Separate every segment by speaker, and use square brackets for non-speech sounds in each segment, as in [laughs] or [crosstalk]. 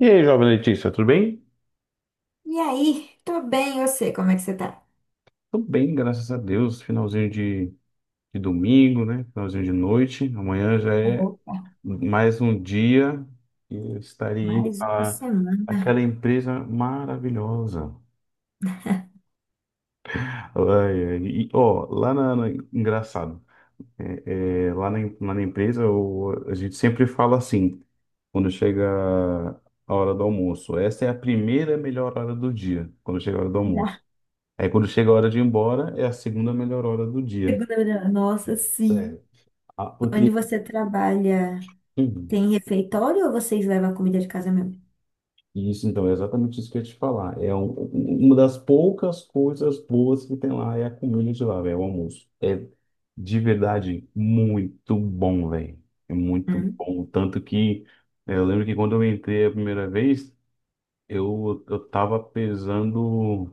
Speaker 1: E aí, jovem Letícia, tudo bem?
Speaker 2: E aí, tô bem, eu sei como é que você tá?
Speaker 1: Tudo bem, graças a Deus. Finalzinho de domingo, né? Finalzinho de noite. Amanhã já é
Speaker 2: Opa,
Speaker 1: mais um dia que eu estarei indo
Speaker 2: mais uma
Speaker 1: para
Speaker 2: semana.
Speaker 1: aquela empresa maravilhosa.
Speaker 2: [laughs]
Speaker 1: Ai, ai, e, ó, engraçado, lá na empresa a gente sempre fala assim. Quando chega a hora do almoço, essa é a primeira melhor hora do dia, quando chega a hora do
Speaker 2: Da
Speaker 1: almoço. Aí quando chega a hora de ir embora, é a segunda melhor hora do dia.
Speaker 2: segunda, nossa, sim.
Speaker 1: Sério. Ah,
Speaker 2: Onde
Speaker 1: porque.
Speaker 2: você trabalha,
Speaker 1: Uhum.
Speaker 2: tem refeitório ou vocês levam a comida de casa mesmo?
Speaker 1: Isso, então, é exatamente isso que eu ia te falar. É uma das poucas coisas boas que tem lá é a comida de lá, velho, o almoço. É de verdade muito bom, velho. É muito
Speaker 2: Hum,
Speaker 1: bom. Tanto que eu lembro que quando eu entrei a primeira vez, eu tava pesando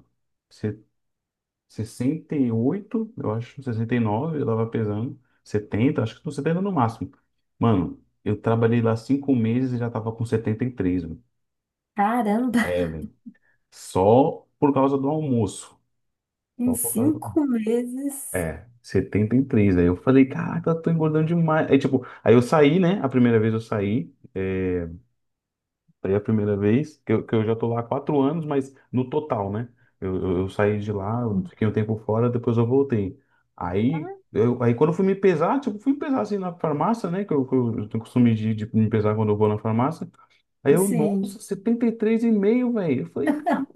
Speaker 1: 68, eu acho, 69, eu tava pesando, 70, acho que tô 70 no máximo. Mano, eu trabalhei lá 5 meses e já tava com 73, mano.
Speaker 2: caramba. [laughs]
Speaker 1: É, velho. Só por causa do almoço.
Speaker 2: Em
Speaker 1: Só por causa do.
Speaker 2: 5 meses,
Speaker 1: É, 73. Aí eu falei, caraca, eu tô engordando demais. Aí, tipo, aí eu saí, né? A primeira vez eu saí. É, foi a primeira vez que eu já tô lá há 4 anos, mas no total, né? Eu saí de lá, eu fiquei um tempo fora, depois eu voltei. Aí quando eu fui me pesar, tipo, fui me pesar assim na farmácia, né? Que eu tenho costume de me pesar quando eu vou na farmácia. Aí
Speaker 2: assim,
Speaker 1: nossa, 73,5, velho. Eu falei, cara,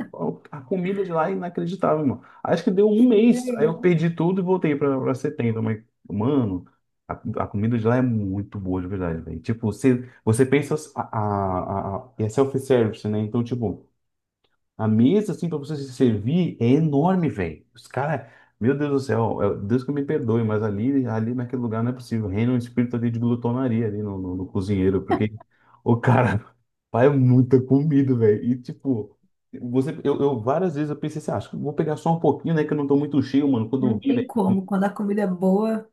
Speaker 1: a comida de lá é inacreditável, mano. Acho que deu um mês. Aí
Speaker 2: queria
Speaker 1: eu
Speaker 2: eu.
Speaker 1: perdi tudo e voltei pra 70. Mas, mano, a, a comida de lá é muito boa, de verdade, velho. Tipo, você pensa. E é self-service, né? Então, tipo, a mesa, assim, pra você se servir é enorme, velho. Os caras, meu Deus do céu, Deus que me perdoe, mas ali naquele lugar não é possível. Reina um espírito ali de glutonaria ali no cozinheiro, porque o cara [laughs] faz muita comida, velho. E tipo, eu várias vezes eu pensei assim, ah, acho que eu vou pegar só um pouquinho, né, que eu não tô muito cheio, mano. Quando
Speaker 2: Não
Speaker 1: eu vi,
Speaker 2: tem
Speaker 1: velho.
Speaker 2: como, quando a comida é boa.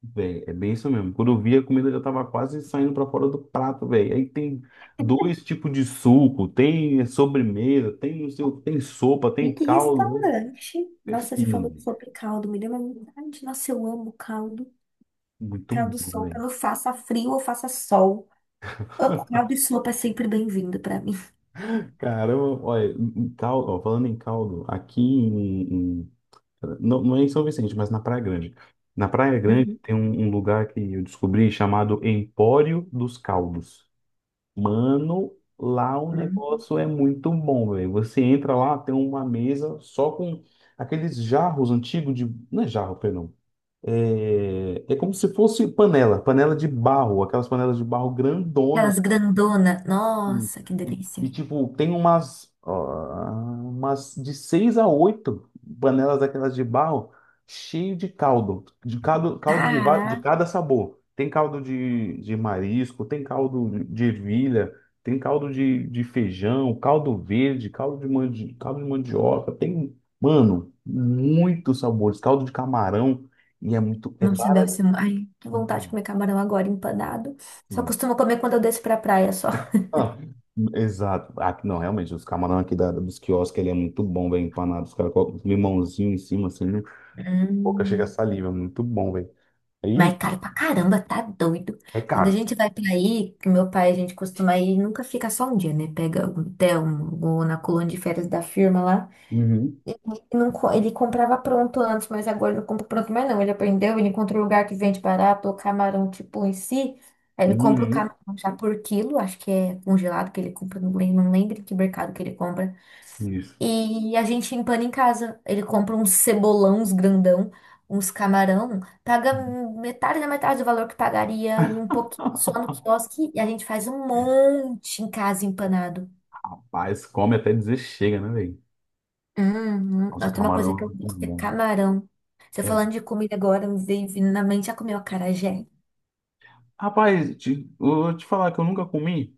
Speaker 1: Véi, é bem isso mesmo. Quando eu vi, a comida já tava quase saindo pra fora do prato, velho. Aí tem dois tipos de suco, tem sobremesa, tem, não sei, tem sopa,
Speaker 2: E
Speaker 1: tem
Speaker 2: que
Speaker 1: caldo.
Speaker 2: restaurante?
Speaker 1: Né? É.
Speaker 2: Nossa, você falou
Speaker 1: Sim,
Speaker 2: sobre caldo, me deu uma vontade. Nossa, eu amo caldo.
Speaker 1: muito bom,
Speaker 2: Caldo sol,
Speaker 1: velho.
Speaker 2: quando faça frio ou faça sol. Ô, caldo e sopa é sempre bem-vindo pra mim.
Speaker 1: Caramba, olha, em caldo, ó, falando em caldo, aqui não, não é em São Vicente, mas na Praia Grande. Na Praia Grande
Speaker 2: Uhum.
Speaker 1: tem um lugar que eu descobri chamado Empório dos Caldos. Mano, lá o
Speaker 2: Uhum.
Speaker 1: negócio é muito bom, velho. Você entra lá, tem uma mesa só com aqueles jarros antigos de. Não é jarro, perdão. É como se fosse panela, panela de barro, aquelas panelas de barro grandona,
Speaker 2: Aquelas grandona.
Speaker 1: e,
Speaker 2: Nossa, que delícia.
Speaker 1: tipo, tem umas de seis a oito panelas daquelas de barro cheio de caldo, de
Speaker 2: Cara,
Speaker 1: cada sabor. Tem caldo de marisco, tem caldo de ervilha, tem caldo de feijão, caldo verde, caldo de mandioca, tem, mano, muitos sabores, caldo de camarão, e é
Speaker 2: nossa, deve
Speaker 1: barato.
Speaker 2: ser. Ai, que vontade de comer camarão agora empanado. Só costumo comer quando eu desço pra praia só.
Speaker 1: Ah, exato. Ah, não, realmente, os camarão aqui dos quiosques, ele é muito bom, velho, empanado. Os caras colocam um limãozinho em cima, assim, né? Boca chega a
Speaker 2: Hum.
Speaker 1: saliva, é muito bom, velho.
Speaker 2: Mas é
Speaker 1: Aí,
Speaker 2: caro pra caramba, tá doido.
Speaker 1: é
Speaker 2: Quando a
Speaker 1: caro.
Speaker 2: gente vai pra aí, que meu pai, a gente costuma ir, nunca fica só um dia, né? Pega um hotel, ou na colônia de férias da firma lá.
Speaker 1: Uhum.
Speaker 2: Ele, não co- ele comprava pronto antes, mas agora ele não compra pronto mais não. Ele aprendeu, ele encontrou um lugar que vende barato, o camarão tipo em si. Aí ele compra o
Speaker 1: Uhum.
Speaker 2: camarão já por quilo, acho que é congelado que ele compra, não lembro, não lembro que mercado que ele compra.
Speaker 1: Isso.
Speaker 2: E a gente empana em casa. Ele compra uns cebolão, uns grandão, uns camarão, paga metade da metade do valor que pagaria e um pouquinho só no
Speaker 1: [laughs]
Speaker 2: quiosque. E a gente faz um monte em casa empanado.
Speaker 1: Mas come até dizer chega, né, velho?
Speaker 2: Uhum.
Speaker 1: Nossa,
Speaker 2: Nossa, tem uma coisa que eu
Speaker 1: camarão é
Speaker 2: gosto,
Speaker 1: muito
Speaker 2: que é
Speaker 1: bom, né?
Speaker 2: camarão. Você
Speaker 1: É.
Speaker 2: falando de comida agora, me veio vindo na mente, já comeu acarajé?
Speaker 1: Rapaz, eu vou te falar que eu nunca comi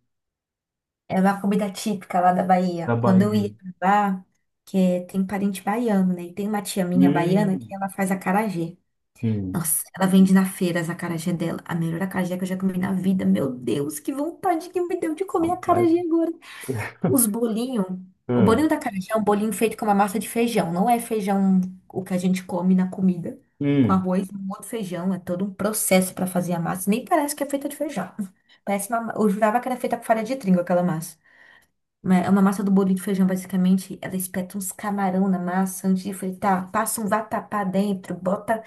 Speaker 2: É uma comida típica lá da
Speaker 1: da
Speaker 2: Bahia. Quando eu ia
Speaker 1: Bahia.
Speaker 2: pra lá, que é- tem parente baiano, né? E tem uma tia minha baiana que
Speaker 1: Hum,
Speaker 2: ela faz acarajé.
Speaker 1: hum.
Speaker 2: Nossa, ela vende na feira as acarajé dela. A melhor acarajé que eu já comi na vida. Meu Deus, que vontade que me deu de comer
Speaker 1: Rapaz.
Speaker 2: acarajé agora. Os bolinhos. O bolinho
Speaker 1: Hum.
Speaker 2: da acarajé é um bolinho feito com uma massa de feijão. Não é feijão o que a gente come na comida. Com
Speaker 1: Hum.
Speaker 2: arroz e um outro feijão. É todo um processo para fazer a massa. Nem parece que é feita de feijão. [laughs] Parece uma... Eu jurava que era feita com farinha de trigo aquela massa. Mas é uma massa do bolinho de feijão, basicamente. Ela espeta uns camarão na massa antes de fritar. Passa um vatapá dentro. Bota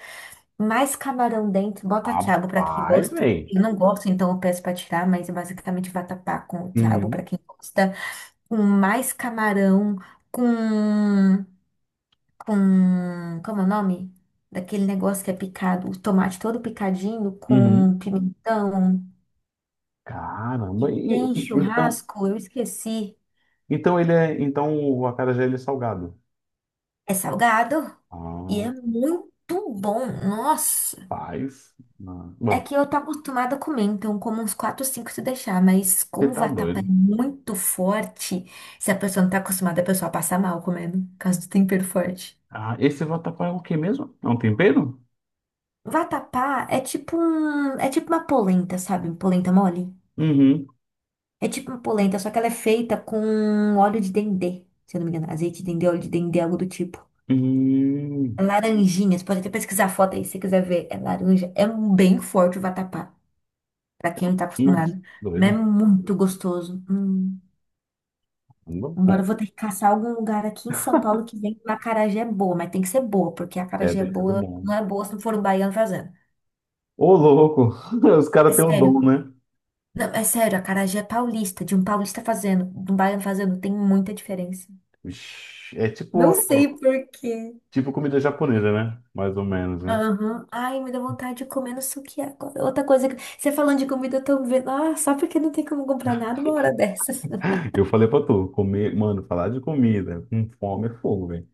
Speaker 2: mais camarão dentro. Bota quiabo para quem
Speaker 1: Rapaz,
Speaker 2: gosta.
Speaker 1: velho.
Speaker 2: Eu não gosto, então eu peço para tirar. Mas é basicamente vatapá com quiabo para
Speaker 1: Uhum.
Speaker 2: quem gosta com mais camarão, com, como é o nome? Daquele negócio que é picado, o tomate todo picadinho
Speaker 1: Uhum.
Speaker 2: com pimentão, que
Speaker 1: Caramba,
Speaker 2: tem
Speaker 1: então,
Speaker 2: churrasco, eu esqueci.
Speaker 1: então ele é, então o acarajé ele é salgado.
Speaker 2: É salgado e
Speaker 1: Ah,
Speaker 2: é muito bom, nossa.
Speaker 1: paz. Mano.
Speaker 2: É
Speaker 1: Bom,
Speaker 2: que eu tô acostumada a comer, então como uns 4 5 se deixar, mas
Speaker 1: você
Speaker 2: como o
Speaker 1: tá
Speaker 2: vatapá é
Speaker 1: doido.
Speaker 2: muito forte, se a pessoa não tá acostumada, a pessoa passa mal comendo, por causa do tempero forte.
Speaker 1: Ah, esse vatapá é o quê mesmo? É um tempero?
Speaker 2: Vatapá é tipo é tipo uma polenta, sabe? Um polenta mole.
Speaker 1: Uhum.
Speaker 2: É tipo uma polenta, só que ela é feita com óleo de dendê, se eu não me engano. Azeite de dendê, óleo de dendê, algo do tipo. É
Speaker 1: Hum,
Speaker 2: laranjinha, você pode até pesquisar a foto aí se você quiser ver. É laranja. É um bem forte o vatapá, pra quem não tá
Speaker 1: nossa,
Speaker 2: acostumado. Mas é
Speaker 1: doido.
Speaker 2: muito gostoso. Hum.
Speaker 1: Não.
Speaker 2: Agora
Speaker 1: Bom,
Speaker 2: eu vou ter que caçar algum lugar aqui em São Paulo que vem com acarajé boa, mas tem que ser boa, porque a
Speaker 1: é,
Speaker 2: acarajé
Speaker 1: tem sido
Speaker 2: boa
Speaker 1: bom.
Speaker 2: não é boa se não for o baiano fazendo.
Speaker 1: Ô, louco, [laughs] os
Speaker 2: É
Speaker 1: caras têm o dom,
Speaker 2: sério.
Speaker 1: né?
Speaker 2: Não, é sério, acarajé é paulista, de um paulista fazendo, de um baiano fazendo, tem muita diferença.
Speaker 1: Ixi, é tipo,
Speaker 2: Não sei por quê.
Speaker 1: tipo comida japonesa, né? Mais ou menos, né?
Speaker 2: Aham. Ai, me dá vontade de comer no suki agora. Outra coisa que. Você falando de comida, eu tô vendo. Ah, só porque não tem como comprar nada uma hora dessas. [laughs]
Speaker 1: Eu falei pra tu, comer, mano, falar de comida com fome é fogo, velho.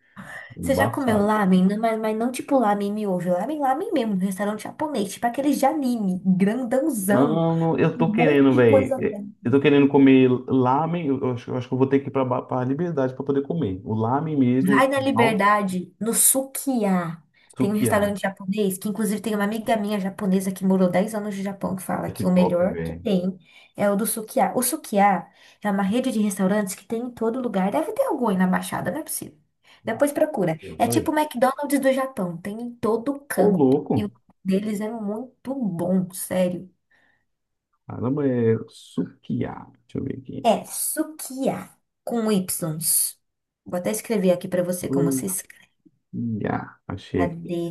Speaker 2: Você já comeu
Speaker 1: Embaçado.
Speaker 2: lamen? Não. Mas não tipo lamen miojo. Lamen, lamen mesmo. Restaurante japonês. Tipo aqueles de anime. Grandãozão.
Speaker 1: Mano, eu
Speaker 2: Um
Speaker 1: tô
Speaker 2: monte
Speaker 1: querendo,
Speaker 2: de
Speaker 1: velho.
Speaker 2: coisa.
Speaker 1: Eu tô querendo comer lamen. Eu acho que eu vou ter que ir pra Liberdade pra poder comer. O lamen mesmo,
Speaker 2: Vai na
Speaker 1: original,
Speaker 2: Liberdade, no Sukiá. Tem um
Speaker 1: Sukiá.
Speaker 2: restaurante japonês, que inclusive tem uma amiga minha japonesa que morou 10 anos no Japão, que fala
Speaker 1: Ai, que
Speaker 2: que o
Speaker 1: top,
Speaker 2: melhor que
Speaker 1: velho.
Speaker 2: tem é o do Sukiá. O Sukiá é uma rede de restaurantes que tem em todo lugar. Deve ter algum aí na Baixada, não é possível.
Speaker 1: Ah,
Speaker 2: Depois procura.
Speaker 1: pera,
Speaker 2: É tipo
Speaker 1: peraí.
Speaker 2: o McDonald's do Japão, tem em todo
Speaker 1: Ô,
Speaker 2: canto. E
Speaker 1: louco.
Speaker 2: o deles é muito bom, sério.
Speaker 1: Caramba, é Sukiá. Deixa eu ver aqui.
Speaker 2: É Sukiá, com Y. Vou até escrever aqui pra você como se escreve.
Speaker 1: Sukiá. Achei aqui.
Speaker 2: Cadê?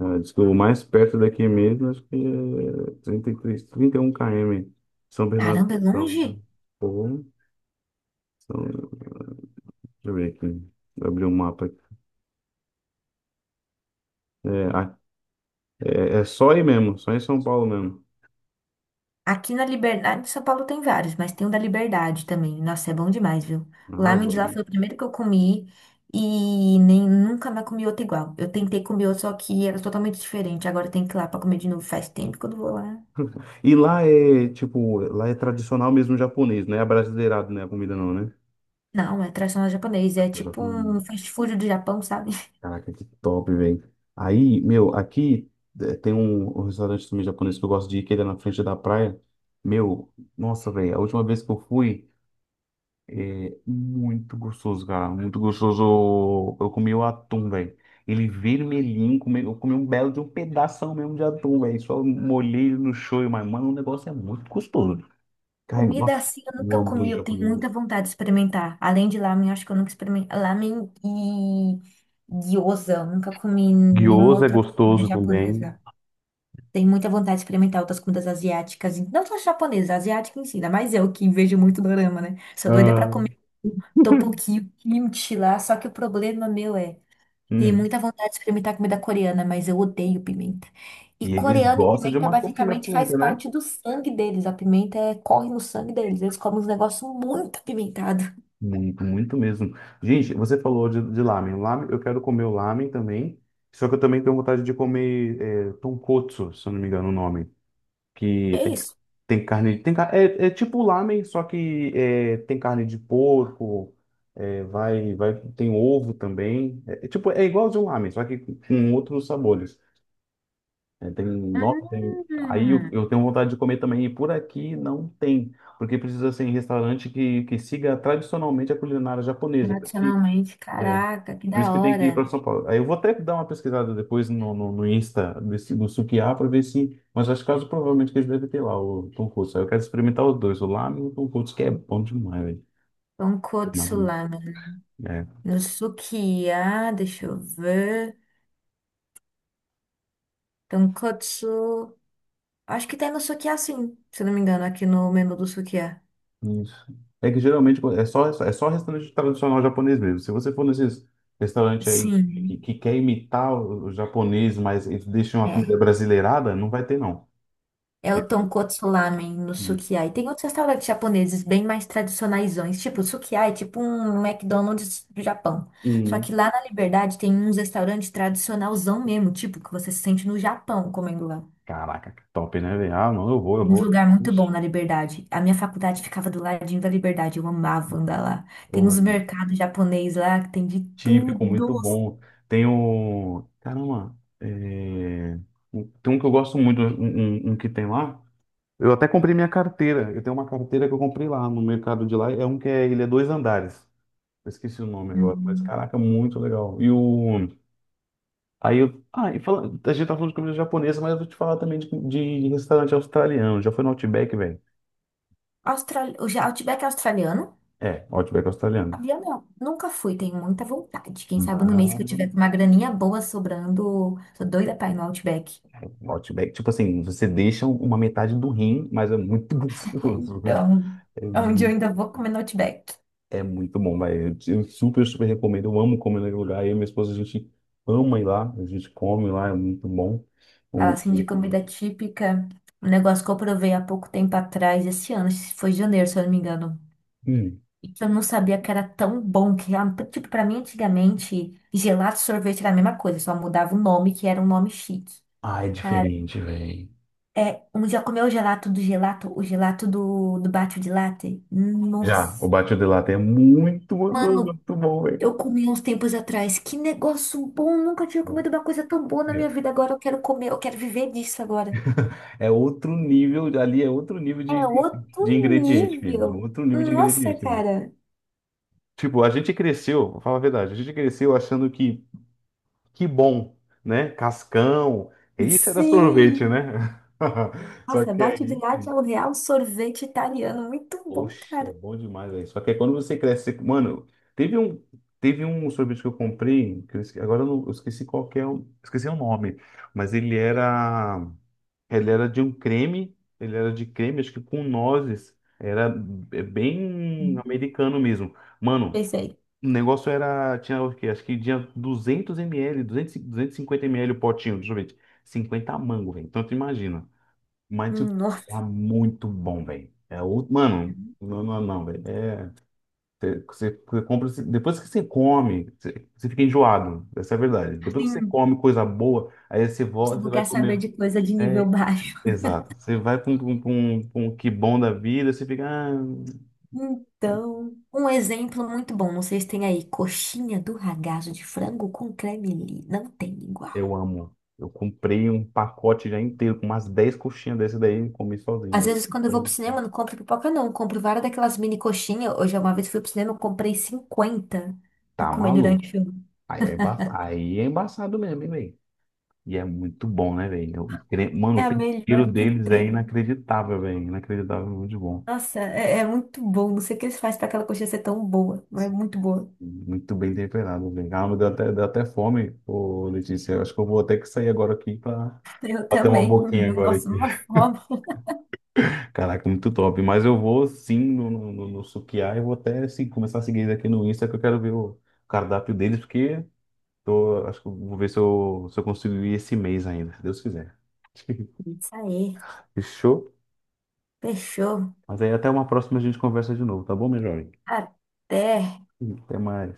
Speaker 1: Ah, diz que o mais perto daqui mesmo, acho que é 33, 31 km. São Bernardo
Speaker 2: Caramba, é
Speaker 1: do
Speaker 2: longe?
Speaker 1: Campo. Pô, deixa eu ver aqui. Vou abrir o um mapa aqui. É, é só aí mesmo, só em São Paulo mesmo.
Speaker 2: Aqui na Liberdade, em São Paulo tem vários, mas tem o da Liberdade também. Nossa, é bom demais, viu? O
Speaker 1: Ah,
Speaker 2: lamen de lá
Speaker 1: mano.
Speaker 2: foi o primeiro que eu comi e nem nunca mais comi outro igual. Eu tentei comer outro, só que era totalmente diferente. Agora eu tenho que ir lá pra comer de novo. Faz tempo que eu não vou lá.
Speaker 1: E lá é, tipo, lá é tradicional mesmo japonês, não é abrasileirado, né? A comida não, né?
Speaker 2: Não, é tradicional japonês, é tipo um
Speaker 1: Hum.
Speaker 2: fast food do Japão, sabe? [laughs]
Speaker 1: Caraca, que top, velho. Aí, meu, aqui tem um restaurante também japonês que eu gosto de ir, que ele é na frente da praia. Meu, nossa, velho, a última vez que eu fui. É muito gostoso, cara. Muito gostoso. Eu comi o atum, velho. Ele vermelhinho, eu comi um belo de um pedação mesmo de atum, velho. Só molhei no shoyu, mas, mano, o negócio é muito gostoso. Cara,
Speaker 2: Comida
Speaker 1: nossa,
Speaker 2: assim eu
Speaker 1: eu
Speaker 2: nunca
Speaker 1: amo
Speaker 2: comi,
Speaker 1: comida
Speaker 2: eu tenho
Speaker 1: japonesa.
Speaker 2: muita vontade de experimentar. Além de lamen, acho que eu nunca experimentei. Lamen e gyoza, eu nunca comi nenhuma
Speaker 1: Gyoza é
Speaker 2: outra comida
Speaker 1: gostoso também.
Speaker 2: japonesa. Tenho muita vontade de experimentar outras comidas asiáticas, e não só japonesa, asiática em si, ainda mais eu que vejo muito dorama, né? Sou doida pra
Speaker 1: Ah,
Speaker 2: comer o tteokbokki, o kimchi lá, só que o problema meu é, tenho
Speaker 1: hum.
Speaker 2: muita vontade de experimentar comida coreana, mas eu odeio pimenta. E
Speaker 1: E eles
Speaker 2: coreano e
Speaker 1: gostam de
Speaker 2: pimenta
Speaker 1: uma comida
Speaker 2: basicamente faz
Speaker 1: bonita, né?
Speaker 2: parte do sangue deles, a pimenta corre no sangue deles, eles comem uns negócios muito apimentados.
Speaker 1: Muito, muito mesmo. Gente, você falou de lamen. Lamen, eu quero comer o lamen também. Só que eu também tenho vontade de comer é, tonkotsu, se eu não me engano o nome. Que
Speaker 2: É
Speaker 1: tem,
Speaker 2: isso.
Speaker 1: tem carne, é tipo lamen, só que tem carne de porco, vai, vai, tem ovo também, é tipo, é igual de um lamen, só que com outros sabores. É, tem, nossa, tem, aí eu,
Speaker 2: Hum,
Speaker 1: eu tenho vontade de comer também, e por aqui não tem, porque precisa ser em restaurante que siga tradicionalmente a culinária japonesa, por isso que
Speaker 2: tradicionalmente,
Speaker 1: é,
Speaker 2: caraca, que
Speaker 1: por
Speaker 2: da
Speaker 1: isso que tem que ir para
Speaker 2: hora.
Speaker 1: São Paulo. Aí eu vou até dar uma pesquisada depois no Insta do Sukiá para ver se. Mas acho que caso provavelmente que eles devem ter lá o tonkotsu. Aí eu quero experimentar os dois, o lámen e o tonkotsu que é bom demais, velho.
Speaker 2: Tonkotsu
Speaker 1: Lámen,
Speaker 2: lá.
Speaker 1: é,
Speaker 2: No Sukiá, deixa eu ver. Tonkotsu. Acho que tem no Sukiá, sim, se não me engano, aqui no menu do Sukiá.
Speaker 1: isso. É que geralmente é só restaurante tradicional japonês mesmo. Se você for nesses restaurantes aí que,
Speaker 2: Sim,
Speaker 1: que quer imitar o japonês, mas eles deixam a comida
Speaker 2: é.
Speaker 1: brasileirada, não vai ter, não.
Speaker 2: É o
Speaker 1: Porque-
Speaker 2: Tonkotsu Ramen no Sukiá. E tem outros restaurantes japoneses bem mais tradicionaisões. Tipo, o Sukiá é tipo um McDonald's do Japão. Só
Speaker 1: Hum.
Speaker 2: que lá na Liberdade tem uns restaurantes tradicionalzão mesmo, tipo, que você se sente no Japão comendo lá.
Speaker 1: Caraca, que top, né, velho? Ah, não, eu vou, eu
Speaker 2: Em um
Speaker 1: vou.
Speaker 2: lugar muito
Speaker 1: Isso.
Speaker 2: bom na Liberdade. A minha faculdade ficava do ladinho da Liberdade. Eu amava andar lá. Tem uns mercados japoneses lá que tem de
Speaker 1: Típico,
Speaker 2: tudo.
Speaker 1: muito bom. Tem o. Caramba, tem um que eu gosto muito, um que tem lá. Eu até comprei minha carteira. Eu tenho uma carteira que eu comprei lá no mercado de lá. Ele é dois andares. Eu esqueci o nome agora, mas
Speaker 2: Hum.
Speaker 1: caraca, muito legal. E o. Aí eu. Ah, e fala. A gente tá falando de comida japonesa, mas eu vou te falar também de restaurante australiano. Já foi no Outback, velho?
Speaker 2: Outback é australiano?
Speaker 1: É, Outback australiano.
Speaker 2: Havia não. Nunca fui, tenho muita vontade. Quem sabe no mês que eu tiver
Speaker 1: Mas,
Speaker 2: com uma graninha boa sobrando. Sou doida pra ir no Outback. [laughs]
Speaker 1: Outback, tipo assim, você deixa uma metade do rim, mas é muito [laughs] gostoso.
Speaker 2: Então,
Speaker 1: É,
Speaker 2: é onde eu
Speaker 1: mu-
Speaker 2: ainda vou comer no Outback.
Speaker 1: é muito bom, vai. Eu super, super recomendo. Eu amo comer naquele lugar. Eu e minha esposa, a gente ama ir lá. A gente come lá, é muito bom. O,
Speaker 2: Fala assim de
Speaker 1: o-
Speaker 2: comida típica. Um negócio que eu provei há pouco tempo atrás, esse ano, foi em janeiro, se eu não me engano,
Speaker 1: hum.
Speaker 2: e que eu não sabia que era tão bom, que ah, tipo, pra mim antigamente, gelato e sorvete era a mesma coisa, só mudava o nome, que era um nome chique.
Speaker 1: Ah, é
Speaker 2: Cara,
Speaker 1: diferente, velho.
Speaker 2: é, um dia comeu o gelato do gelato, o gelato do, do bate de latte.
Speaker 1: Já, o
Speaker 2: Nossa.
Speaker 1: Batido de latte é muito gostoso,
Speaker 2: Mano,
Speaker 1: muito bom, velho.
Speaker 2: eu comi uns tempos atrás. Que negócio bom, nunca tinha comido uma coisa tão boa na minha vida. Agora eu quero comer, eu quero viver disso agora.
Speaker 1: É outro nível, ali é outro nível
Speaker 2: É
Speaker 1: de, de,
Speaker 2: outro
Speaker 1: de ingrediente, filho. É
Speaker 2: nível.
Speaker 1: outro nível de
Speaker 2: Nossa,
Speaker 1: ingrediente, né?
Speaker 2: cara.
Speaker 1: Tipo, a gente cresceu, vou falar a verdade, a gente cresceu achando que. Que bom, né? Cascão. Isso era sorvete,
Speaker 2: Sim.
Speaker 1: né? [laughs] Só
Speaker 2: Nossa,
Speaker 1: que aí,
Speaker 2: Batigliatti é o real sorvete italiano. Muito bom,
Speaker 1: oxe, é
Speaker 2: cara.
Speaker 1: bom demais aí. Só que aí quando você cresce, mano, teve um, teve um sorvete que eu comprei, que eu agora eu, eu esqueci qual que é, esqueci o nome, mas ele era de um creme, ele era de creme, acho que com nozes. Era bem
Speaker 2: Uhum.
Speaker 1: americano mesmo. Mano,
Speaker 2: Pensei,
Speaker 1: o negócio era, tinha o quê? Acho que tinha 200 ml, 250 ml o potinho, deixa eu ver, 50 mango, velho. Então tu imagina. Mas, tipo, era
Speaker 2: nossa,
Speaker 1: muito bom, velho. É outro, mano, não, não, não, velho. É, você compra, depois que você come, você fica enjoado. Essa é a verdade. Depois que você
Speaker 2: sim,
Speaker 1: come coisa boa, aí você
Speaker 2: se
Speaker 1: volta, você
Speaker 2: você
Speaker 1: vai
Speaker 2: quer saber
Speaker 1: comer.
Speaker 2: de coisa de nível
Speaker 1: É,
Speaker 2: baixo.
Speaker 1: exato. Você vai pra um que bom da vida, você fica. Ah,
Speaker 2: Então, um exemplo muito bom, não sei se tem aí, coxinha do ragazzo de frango com creme li. Não tem igual.
Speaker 1: eu amo. Eu comprei um pacote já inteiro, com umas 10 coxinhas desse daí e comi sozinho,
Speaker 2: Às
Speaker 1: velho.
Speaker 2: vezes, quando eu vou pro cinema, eu não compro pipoca, não. Eu compro várias daquelas mini coxinhas. Hoje, uma vez fui pro cinema, eu comprei 50 pra
Speaker 1: Tá
Speaker 2: comer
Speaker 1: maluco.
Speaker 2: durante o filme.
Speaker 1: Aí é embaçado mesmo, hein, velho? E é muito bom, né, velho? Mano,
Speaker 2: É
Speaker 1: o
Speaker 2: a
Speaker 1: tempero
Speaker 2: melhor que
Speaker 1: deles é
Speaker 2: tem.
Speaker 1: inacreditável, velho. Inacreditável, muito bom.
Speaker 2: Nossa, é, é muito bom. Não sei o que eles fazem para aquela coxinha ser tão boa, mas é muito boa.
Speaker 1: Muito bem temperado, velho. Ah, me deu até, fome, ô Letícia. Eu acho que eu vou ter que sair agora aqui pra
Speaker 2: [laughs] Eu
Speaker 1: bater uma
Speaker 2: também.
Speaker 1: boquinha agora.
Speaker 2: Nossa, uma fome.
Speaker 1: Caraca, muito top. Mas eu vou sim no Sukiá e vou até assim, começar a seguir eles aqui no Insta, que eu quero ver o cardápio deles, porque acho que eu vou ver se eu consigo ir esse mês ainda, se Deus quiser. [laughs]
Speaker 2: Isso aí.
Speaker 1: Fechou?
Speaker 2: Fechou.
Speaker 1: Mas aí até uma próxima a gente conversa de novo, tá bom, meu jovem?
Speaker 2: Até.
Speaker 1: Até mais.